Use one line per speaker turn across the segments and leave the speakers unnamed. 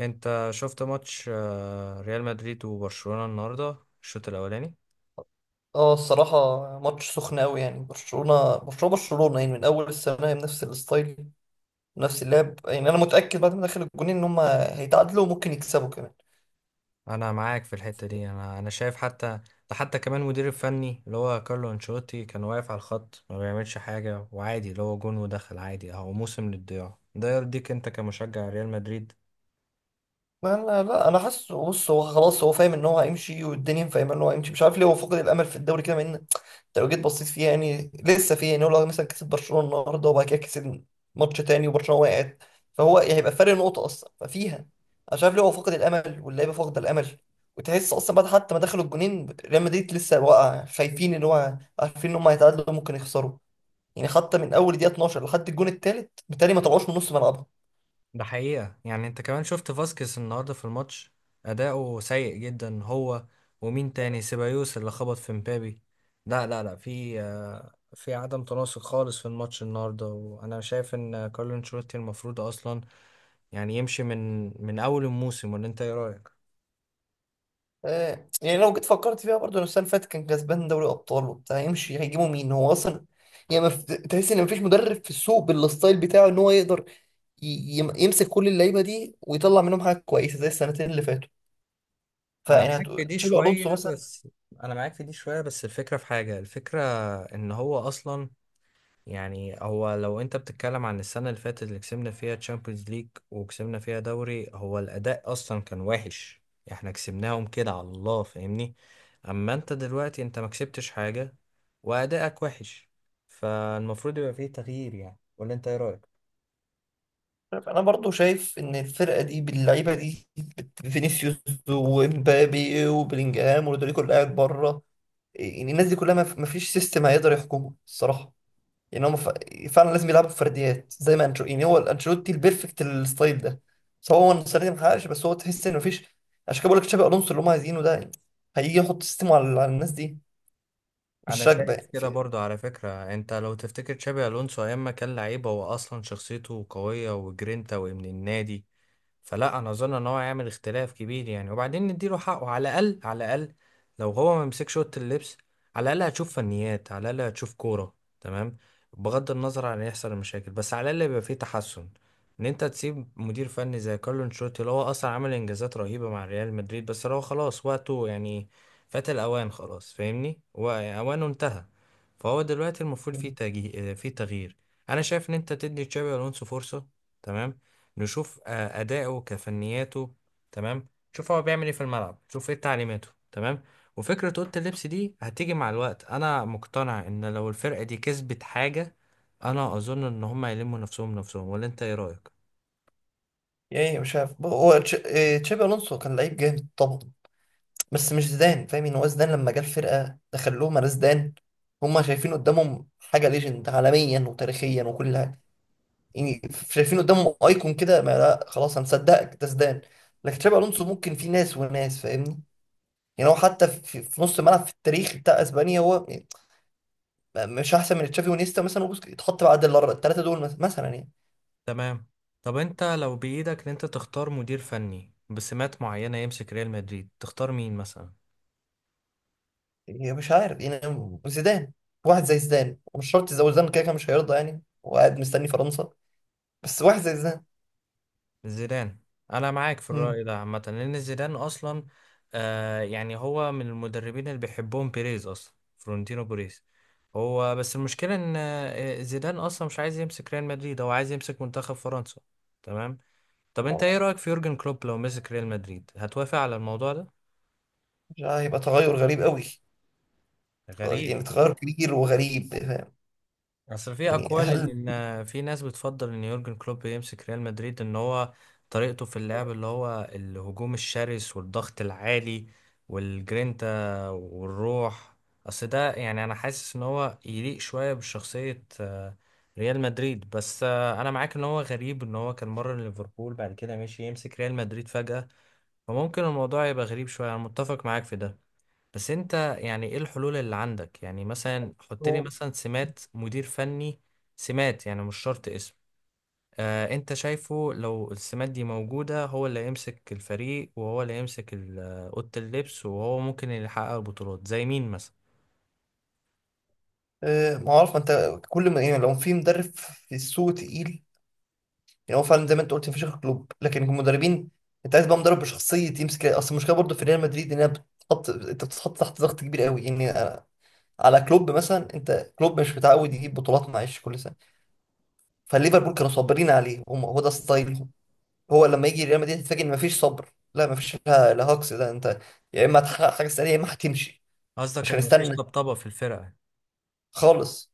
انت شفت ماتش ريال مدريد وبرشلونة النهاردة. الشوط الاولاني.
اه الصراحة ماتش سخن أوي، يعني برشلونة يعني من أول السنة هي بنفس الستايل، نفس اللعب. يعني أنا متأكد بعد ما دخل الجونين إن هما هيتعادلوا وممكن يكسبوا كمان.
انا معاك في الحتة دي، انا شايف، حتى ده حتى كمان مدير الفني اللي هو كارلو انشيلوتي كان واقف على الخط ما بيعملش حاجة، وعادي اللي هو جون ودخل عادي اهو، موسم للضياع. ده يرضيك انت كمشجع ريال مدريد؟
ما انا لا انا حاسس، بص، هو خلاص هو فاهم ان هو هيمشي، والدنيا فاهمه ان هو هيمشي. مش عارف ليه هو فقد الامل في الدوري كده، مع ان انت لو جيت بصيت فيها يعني لسه فيه. يعني هو لو مثلا كسب برشلونه النهارده وبعد كده كسب ماتش تاني وبرشلونه وقعت، فهو يعني هيبقى فرق نقطه اصلا ففيها. انا شايف ليه هو فقد الامل واللعيبه فاقده الامل، وتحس اصلا بعد حتى ما دخلوا الجونين ريال مدريد لسه واقع، خايفين ان هو عارفين ان هم هيتعادلوا ممكن يخسروا. يعني حتى من اول دقيقه 12 لحد الجون الثالث بالتالي ما طلعوش من نص ملعبهم.
ده حقيقة. يعني انت كمان شفت فاسكيز النهاردة في الماتش، أداؤه سيء جدا هو. ومين تاني؟ سيبايوس اللي خبط في مبابي. لا، لا، لا، في عدم تناسق خالص في الماتش النهاردة. وأنا شايف إن كارلو أنشيلوتي المفروض أصلا يعني يمشي من أول الموسم. ولا أنت إيه رأيك؟
يعني لو جيت فكرت فيها برضه، لو السنه اللي فاتت كان كسبان دوري ابطال وبتاع يمشي، هيجيبوا مين هو اصلا؟ يعني تحس ان مفيش مدرب في السوق بالستايل بتاعه ان هو يقدر ي... يمسك كل اللعيبه دي ويطلع منهم حاجه كويسه زي السنتين اللي فاتوا.
أنا
فيعني
معاك في دي
تشابي
شوية
الونسو مثلا.
بس أنا معاك في دي شوية، بس الفكرة في حاجة. الفكرة إن هو أصلا، يعني هو، لو انت بتتكلم عن السنة اللي فاتت اللي كسبنا فيها تشامبيونز ليج وكسبنا فيها دوري، هو الأداء أصلا كان وحش. احنا كسبناهم كده على الله، فاهمني؟ أما انت دلوقتي، انت ما كسبتش حاجة، وأداءك وحش. فالمفروض يبقى فيه تغيير يعني. ولا انت ايه رأيك؟
انا برضه شايف ان الفرقه دي باللعيبه دي، فينيسيوس ومبابي وبلينجهام ورودريجو اللي قاعد بره، يعني الناس دي كلها مفيش سيستم هيقدر يحكمه الصراحه. يعني فعلا لازم يلعبوا بفرديات زي ما انشو، يعني هو انشيلوتي البيرفكت الستايل ده، بس هو السنه دي محققش. بس هو تحس انه مفيش، عشان كده بقول لك تشابي الونسو اللي هم عايزينه ده، يعني هيجي يحط سيستم على... على الناس دي
انا
مش راكبه.
شايف كده برضو. على فكرة، انت لو تفتكر تشابي الونسو ايام ما كان لعيب، هو اصلا شخصيته قوية وجرينتا وابن النادي. فلا، انا اظن ان هو هيعمل اختلاف كبير يعني، وبعدين نديله حقه، على الاقل على الاقل. لو هو ما مسكش اوضه اللبس، على الاقل هتشوف فنيات، على الاقل هتشوف كوره. تمام. بغض النظر عن يحصل المشاكل، بس على الاقل يبقى فيه تحسن. ان انت تسيب مدير فني زي كارلو انشيلوتي اللي هو اصلا عمل انجازات رهيبه مع ريال مدريد، بس هو خلاص وقته يعني، فات الاوان خلاص، فاهمني؟ واوانه انتهى. فهو دلوقتي المفروض فيه فيه تغيير. انا شايف ان انت تدي تشابي الونسو فرصه. تمام. نشوف أداؤه كفنياته. تمام. نشوف هو بيعمل إيه في الملعب، نشوف إيه تعليماته. تمام. وفكرة أوضة اللبس دي هتيجي مع الوقت. أنا مقتنع إن لو الفرقة دي كسبت حاجة، أنا أظن إن هما يلموا نفسهم نفسهم. ولا أنت إيه رأيك؟
يعني مش عارف هو تش... إيه، تشابي الونسو كان لعيب جامد طبعا، بس مش زيدان فاهم؟ يعني هو زيدان لما جه الفرقه دخل لهم على زيدان، هم شايفين قدامهم حاجه ليجند عالميا وتاريخيا وكل حاجه. يعني شايفين قدامهم ايكون كده، ما لا خلاص هنصدقك ده زيدان. لكن تشابي الونسو ممكن، في ناس وناس فاهمني؟ يعني هو حتى في نص الملعب في التاريخ بتاع اسبانيا هو يعني مش احسن من تشافي ونيستا مثلا، وبوسكيتس يتحط بعد الثلاثه دول مثلا يعني.
تمام. طب أنت لو بإيدك إن أنت تختار مدير فني بسمات معينة يمسك ريال مدريد، تختار مين مثلا؟
يعني مش عارف يعني، زيدان، واحد زي زيدان، ومش شرط زي زيدان كده كده مش هيرضى يعني وقاعد مستني فرنسا، بس واحد زي زيدان.
زيدان. انا معاك في
مم.
الرأي ده عامة، لان زيدان اصلا يعني هو من المدربين اللي بيحبهم بيريز اصلا، فرونتينو بيريز. هو بس المشكلة ان زيدان اصلا مش عايز يمسك ريال مدريد، هو عايز يمسك منتخب فرنسا. تمام. طب انت ايه رأيك في يورجن كلوب؟ لو مسك ريال مدريد هتوافق على الموضوع ده؟
مش عارف، هيبقى تغير غريب قوي،
غريب.
يعني تغير كبير وغريب فاهم.
اصل في
يعني
اقوال
هل
ان في ناس بتفضل ان يورجن كلوب يمسك ريال مدريد، ان هو طريقته في اللعب اللي هو الهجوم الشرس والضغط العالي والجرينتا والروح. اصل ده يعني انا حاسس ان هو يليق شوية بشخصية ريال مدريد. بس انا معاك ان هو غريب، ان هو كان مرة ليفربول بعد كده مشي يمسك ريال مدريد فجأة. فممكن الموضوع يبقى غريب شوية. انا متفق معاك في ده. بس انت، يعني ايه الحلول اللي عندك؟ يعني مثلا حط لي مثلا سمات مدير فني، سمات يعني مش شرط اسم. انت شايفه لو السمات دي موجودة، هو اللي يمسك الفريق، وهو اللي يمسك اوضة اللبس، وهو ممكن اللي يحقق البطولات، زي مين مثلا؟
ما عارف، ما انت كل ما يعني لو في مدرب في السوق تقيل، يعني هو فعلا زي ما انت قلت مفيش غير كلوب. لكن المدربين، انت عايز بقى مدرب بشخصيه يمسك. اصل المشكله برضه في ريال مدريد انها بتحط، انت بتتحط تحت ضغط كبير قوي. على كلوب مثلا، انت كلوب مش متعود يجيب بطولات، معلش كل سنه فليفربول كانوا صابرين عليه، هم هو ده ستايلهم. هو لما يجي ريال مدريد تتفاجئ ان مفيش صبر، لا مفيش، لا لا هاكس ده انت، يا اما هتحقق حاجه سريعه يا اما هتمشي.
قصدك
مش
ان مفيش
هنستنى
طبطبة في الفرقة؟
خالص.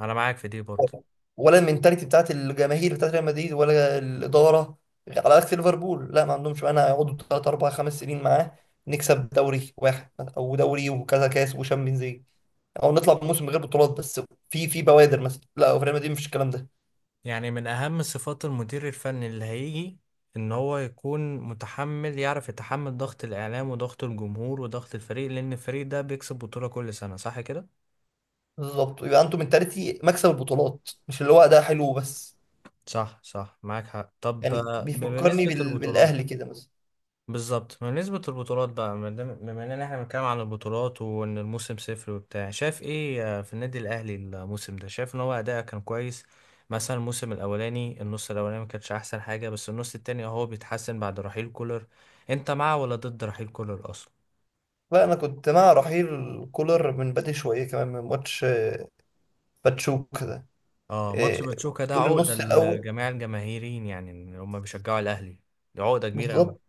انا معاك في دي برضه.
ولا المنتاليتي بتاعت الجماهير بتاعت ريال مدريد ولا الاداره، على عكس ليفربول، لا ما عندهمش. انا هيقعدوا 3 4 5 سنين معاه، نكسب دوري واحد او دوري وكذا كاس وشامبيونز ليج، او نطلع بموسم من غير بطولات، بس في في بوادر مثلا. لا في ريال مدريد مفيش الكلام ده.
يعني من اهم صفات المدير الفني اللي هيجي، ان هو يكون متحمل، يعرف يتحمل ضغط الاعلام وضغط الجمهور وضغط الفريق، لان الفريق ده بيكسب بطولة كل سنة، صح كده؟
بالظبط، يبقى انتوا منتاليتي مكسب البطولات، مش اللي هو ده حلو بس.
صح، صح، معاك حق. طب
يعني بيفكرني
بنسبة البطولات.
بالاهلي كده مثلا.
بالظبط، بنسبة البطولات بقى، ما دام- بما اننا احنا بنتكلم عن البطولات وان الموسم صفر وبتاع، شايف ايه في النادي الاهلي الموسم ده؟ شايف ان هو اداءه كان كويس؟ مثلا الموسم الاولاني، النص الاولاني ما كانش احسن حاجة، بس النص التاني اهو بيتحسن بعد رحيل كولر. انت مع ولا ضد رحيل كولر اصلا؟
فانا كنت مع رحيل كولر من بدري شويه، كمان من ماتش باتشوك ده.
اه، ماتش
آه،
باتشوكا ده
طول
عقدة
النص الاول.
لجميع الجماهيرين يعني اللي هم بيشجعوا الاهلي. دي عقدة كبيرة قوي.
بالظبط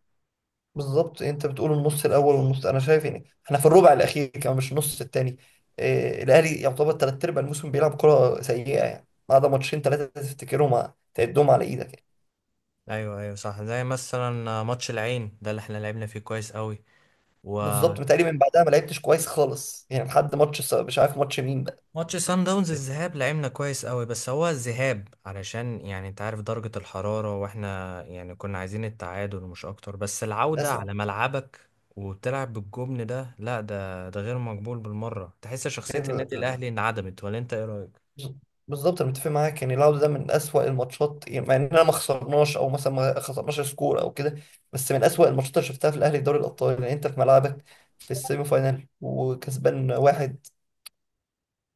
بالظبط، انت بتقول النص الاول والنص، انا شايف يعني احنا في الربع الاخير كمان مش النص الثاني. إيه، الاهلي يعتبر ثلاث ارباع الموسم بيلعب كره سيئه، يعني ما عدا ماتشين ثلاثه تفتكرهم تعدهم على ايدك يعني.
ايوه، ايوه، صح. زي مثلا ماتش العين ده اللي احنا لعبنا فيه كويس قوي،
بالظبط،
وماتش
متهيألي من بعدها ما لعبتش كويس خالص، يعني لحد ماتش مش عارف ماتش مين بقى،
سان داونز. الذهاب لعبنا كويس قوي، بس هو الذهاب علشان يعني انت عارف درجة الحرارة، واحنا يعني كنا عايزين التعادل مش اكتر. بس العودة على ملعبك، وبتلعب بالجبن ده، لا، ده غير مقبول بالمرة. تحس شخصية النادي
مثلا.
الاهلي انعدمت؟ ولا انت ايه رأيك؟
بز- بالظبط انا متفق معاك. يعني العوده ده من اسوأ الماتشات، يعني مع اننا ما خسرناش او مثلا ما خسرناش سكور او كده، بس من اسوأ الماتشات اللي شفتها في الاهلي في دوري الابطال. يعني انت في ملعبك في السيمي فاينال وكسبان واحد،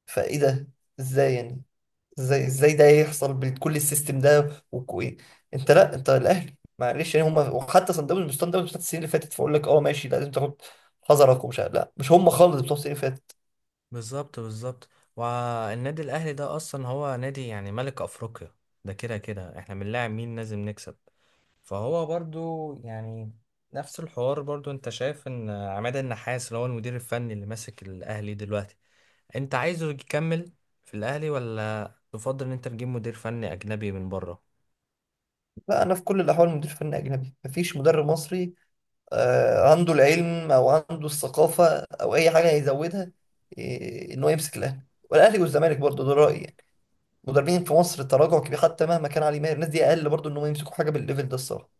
فايه ده؟ ازاي يعني؟ ازاي ده يحصل بكل السيستم ده وكوي؟ انت، لا انت الاهلي معلش يعني، هم وحتى صن داونز، وصن داونز بتاعت السنين اللي فاتت فاقول لك اه ماشي، لا لازم تاخد حذرك ومش لا مش هم خالص بتوع السنين اللي فاتت.
بالظبط، بالظبط. والنادي الاهلي ده اصلا هو نادي يعني ملك افريقيا. ده كده كده، احنا بنلاعب مين؟ لازم نكسب. فهو برضو يعني نفس الحوار برضو. انت شايف ان عماد النحاس اللي هو المدير الفني اللي ماسك الاهلي دلوقتي، انت عايزه يكمل في الاهلي؟ ولا تفضل ان انت تجيب مدير فني اجنبي من بره؟
لا انا في كل الاحوال مدير فني اجنبي، مفيش مدرب مصري عنده العلم او عنده الثقافه او اي حاجه هيزودها ان هو يمسك الاهلي، والاهلي والزمالك برضه، ده رايي يعني. مدربين في مصر التراجع كبير، حتى مهما كان علي ماهر الناس دي اقل، برضه ان هم يمسكوا حاجه بالليفل ده الصراحه،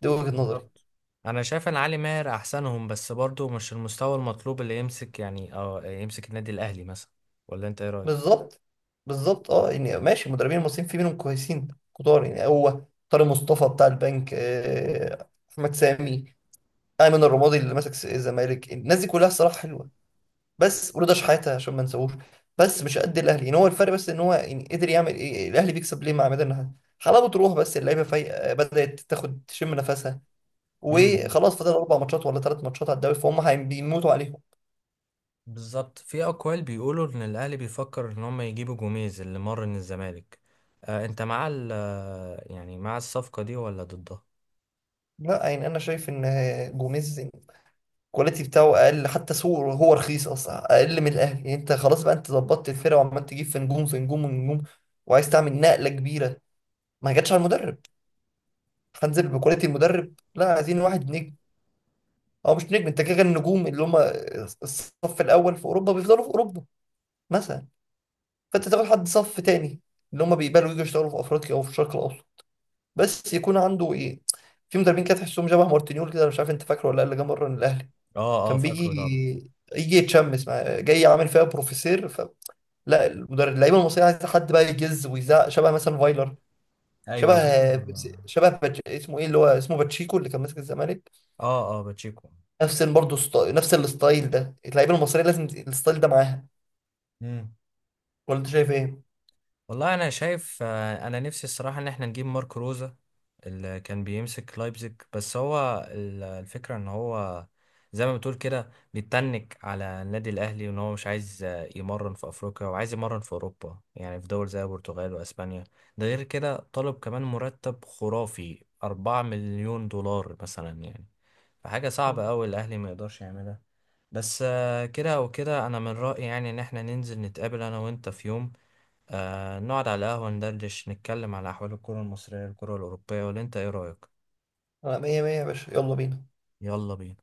دي وجهه نظري.
بالظبط. انا شايف ان علي ماهر احسنهم، بس برضو مش المستوى المطلوب اللي يمسك يعني، يمسك النادي الاهلي مثلا. ولا انت ايه؟
بالظبط بالظبط. اه يعني ماشي، المدربين المصريين في منهم كويسين كتار، يعني هو طارق مصطفى بتاع البنك، احمد سامي، ايمن الرمادي اللي ماسك الزمالك، الناس دي كلها الصراحه حلوه، بس ورضا شحاته عشان ما نسووش، بس مش قد الاهلي. يعني هو الفرق بس ان هو، يعني قدر يعمل ايه، الاهلي بيكسب ليه مع عماد النحاس؟ حلاوه روح، بس اللعيبه فايقه بدات تاخد تشم نفسها،
رايك
وخلاص فاضل اربع ماتشات ولا ثلاث ماتشات على الدوري فهم بيموتوا عليهم.
بالظبط. في اقوال بيقولوا ان الاهلي بيفكر ان هم يجيبوا جوميز اللي مر من الزمالك. انت مع ال آه، يعني مع الصفقه دي ولا ضدها؟
لا يعني انا شايف ان جوميز الكواليتي بتاعه اقل، حتى سوق هو رخيص اصلا اقل من الاهلي. يعني انت خلاص بقى، انت ظبطت الفرقه وعمال تجيب في نجوم في نجوم في نجوم وعايز تعمل نقله كبيره، ما جاتش على المدرب هنزل بكواليتي المدرب؟ لا عايزين واحد نجم، او مش نجم، انت كده كده النجوم اللي هم الصف الاول في اوروبا بيفضلوا في اوروبا مثلا، فانت تاخد حد صف تاني اللي هم بيقبلوا يجوا يشتغلوا في افريقيا او في الشرق الاوسط، بس يكون عنده ايه. في مدربين كده تحسهم شبه مارتينيول كده، أنا مش عارف انت فاكره ولا لا، اللي جه مره الاهلي.
اه، اه،
كان
فاكره طبعا.
بيجي يجي يتشمس مع جاي عامل فيها بروفيسور. ف لا المدرب، اللعيبه المصريه عايزه حد بقى يجز ويزعق، شبه مثلا فايلر، شبه،
ايوه، فاكر، اه.
شبه اسمه ايه، اللي هو اسمه باتشيكو اللي كان ماسك الزمالك.
اه، باتشيكو.
نفس برضه نفس الستايل ده اللعيبه المصريه لازم الستايل ده معاها.
مم.
ولا انت شايف ايه؟
والله انا شايف، انا نفسي الصراحه ان احنا نجيب ماركو روزا اللي كان بيمسك لايبزيج، بس هو الفكره ان هو زي ما بتقول كده، بيتنك على النادي الاهلي، وان هو مش عايز يمرن في افريقيا، وعايز يمرن في اوروبا، يعني في دول زي البرتغال واسبانيا. ده غير كده طالب كمان مرتب خرافي 4 مليون دولار مثلا يعني. فحاجه
مم.
صعبه قوي، الاهلي ما يقدرش يعملها. بس كده او كده، انا من رايي يعني ان احنا ننزل نتقابل انا وانت في يوم، نقعد على القهوة، ندردش، نتكلم على أحوال الكرة المصرية، الكرة الأوروبية. ولا أنت إيه رأيك؟
لا مية مية يا باشا، يلا بينا.
يلا بينا.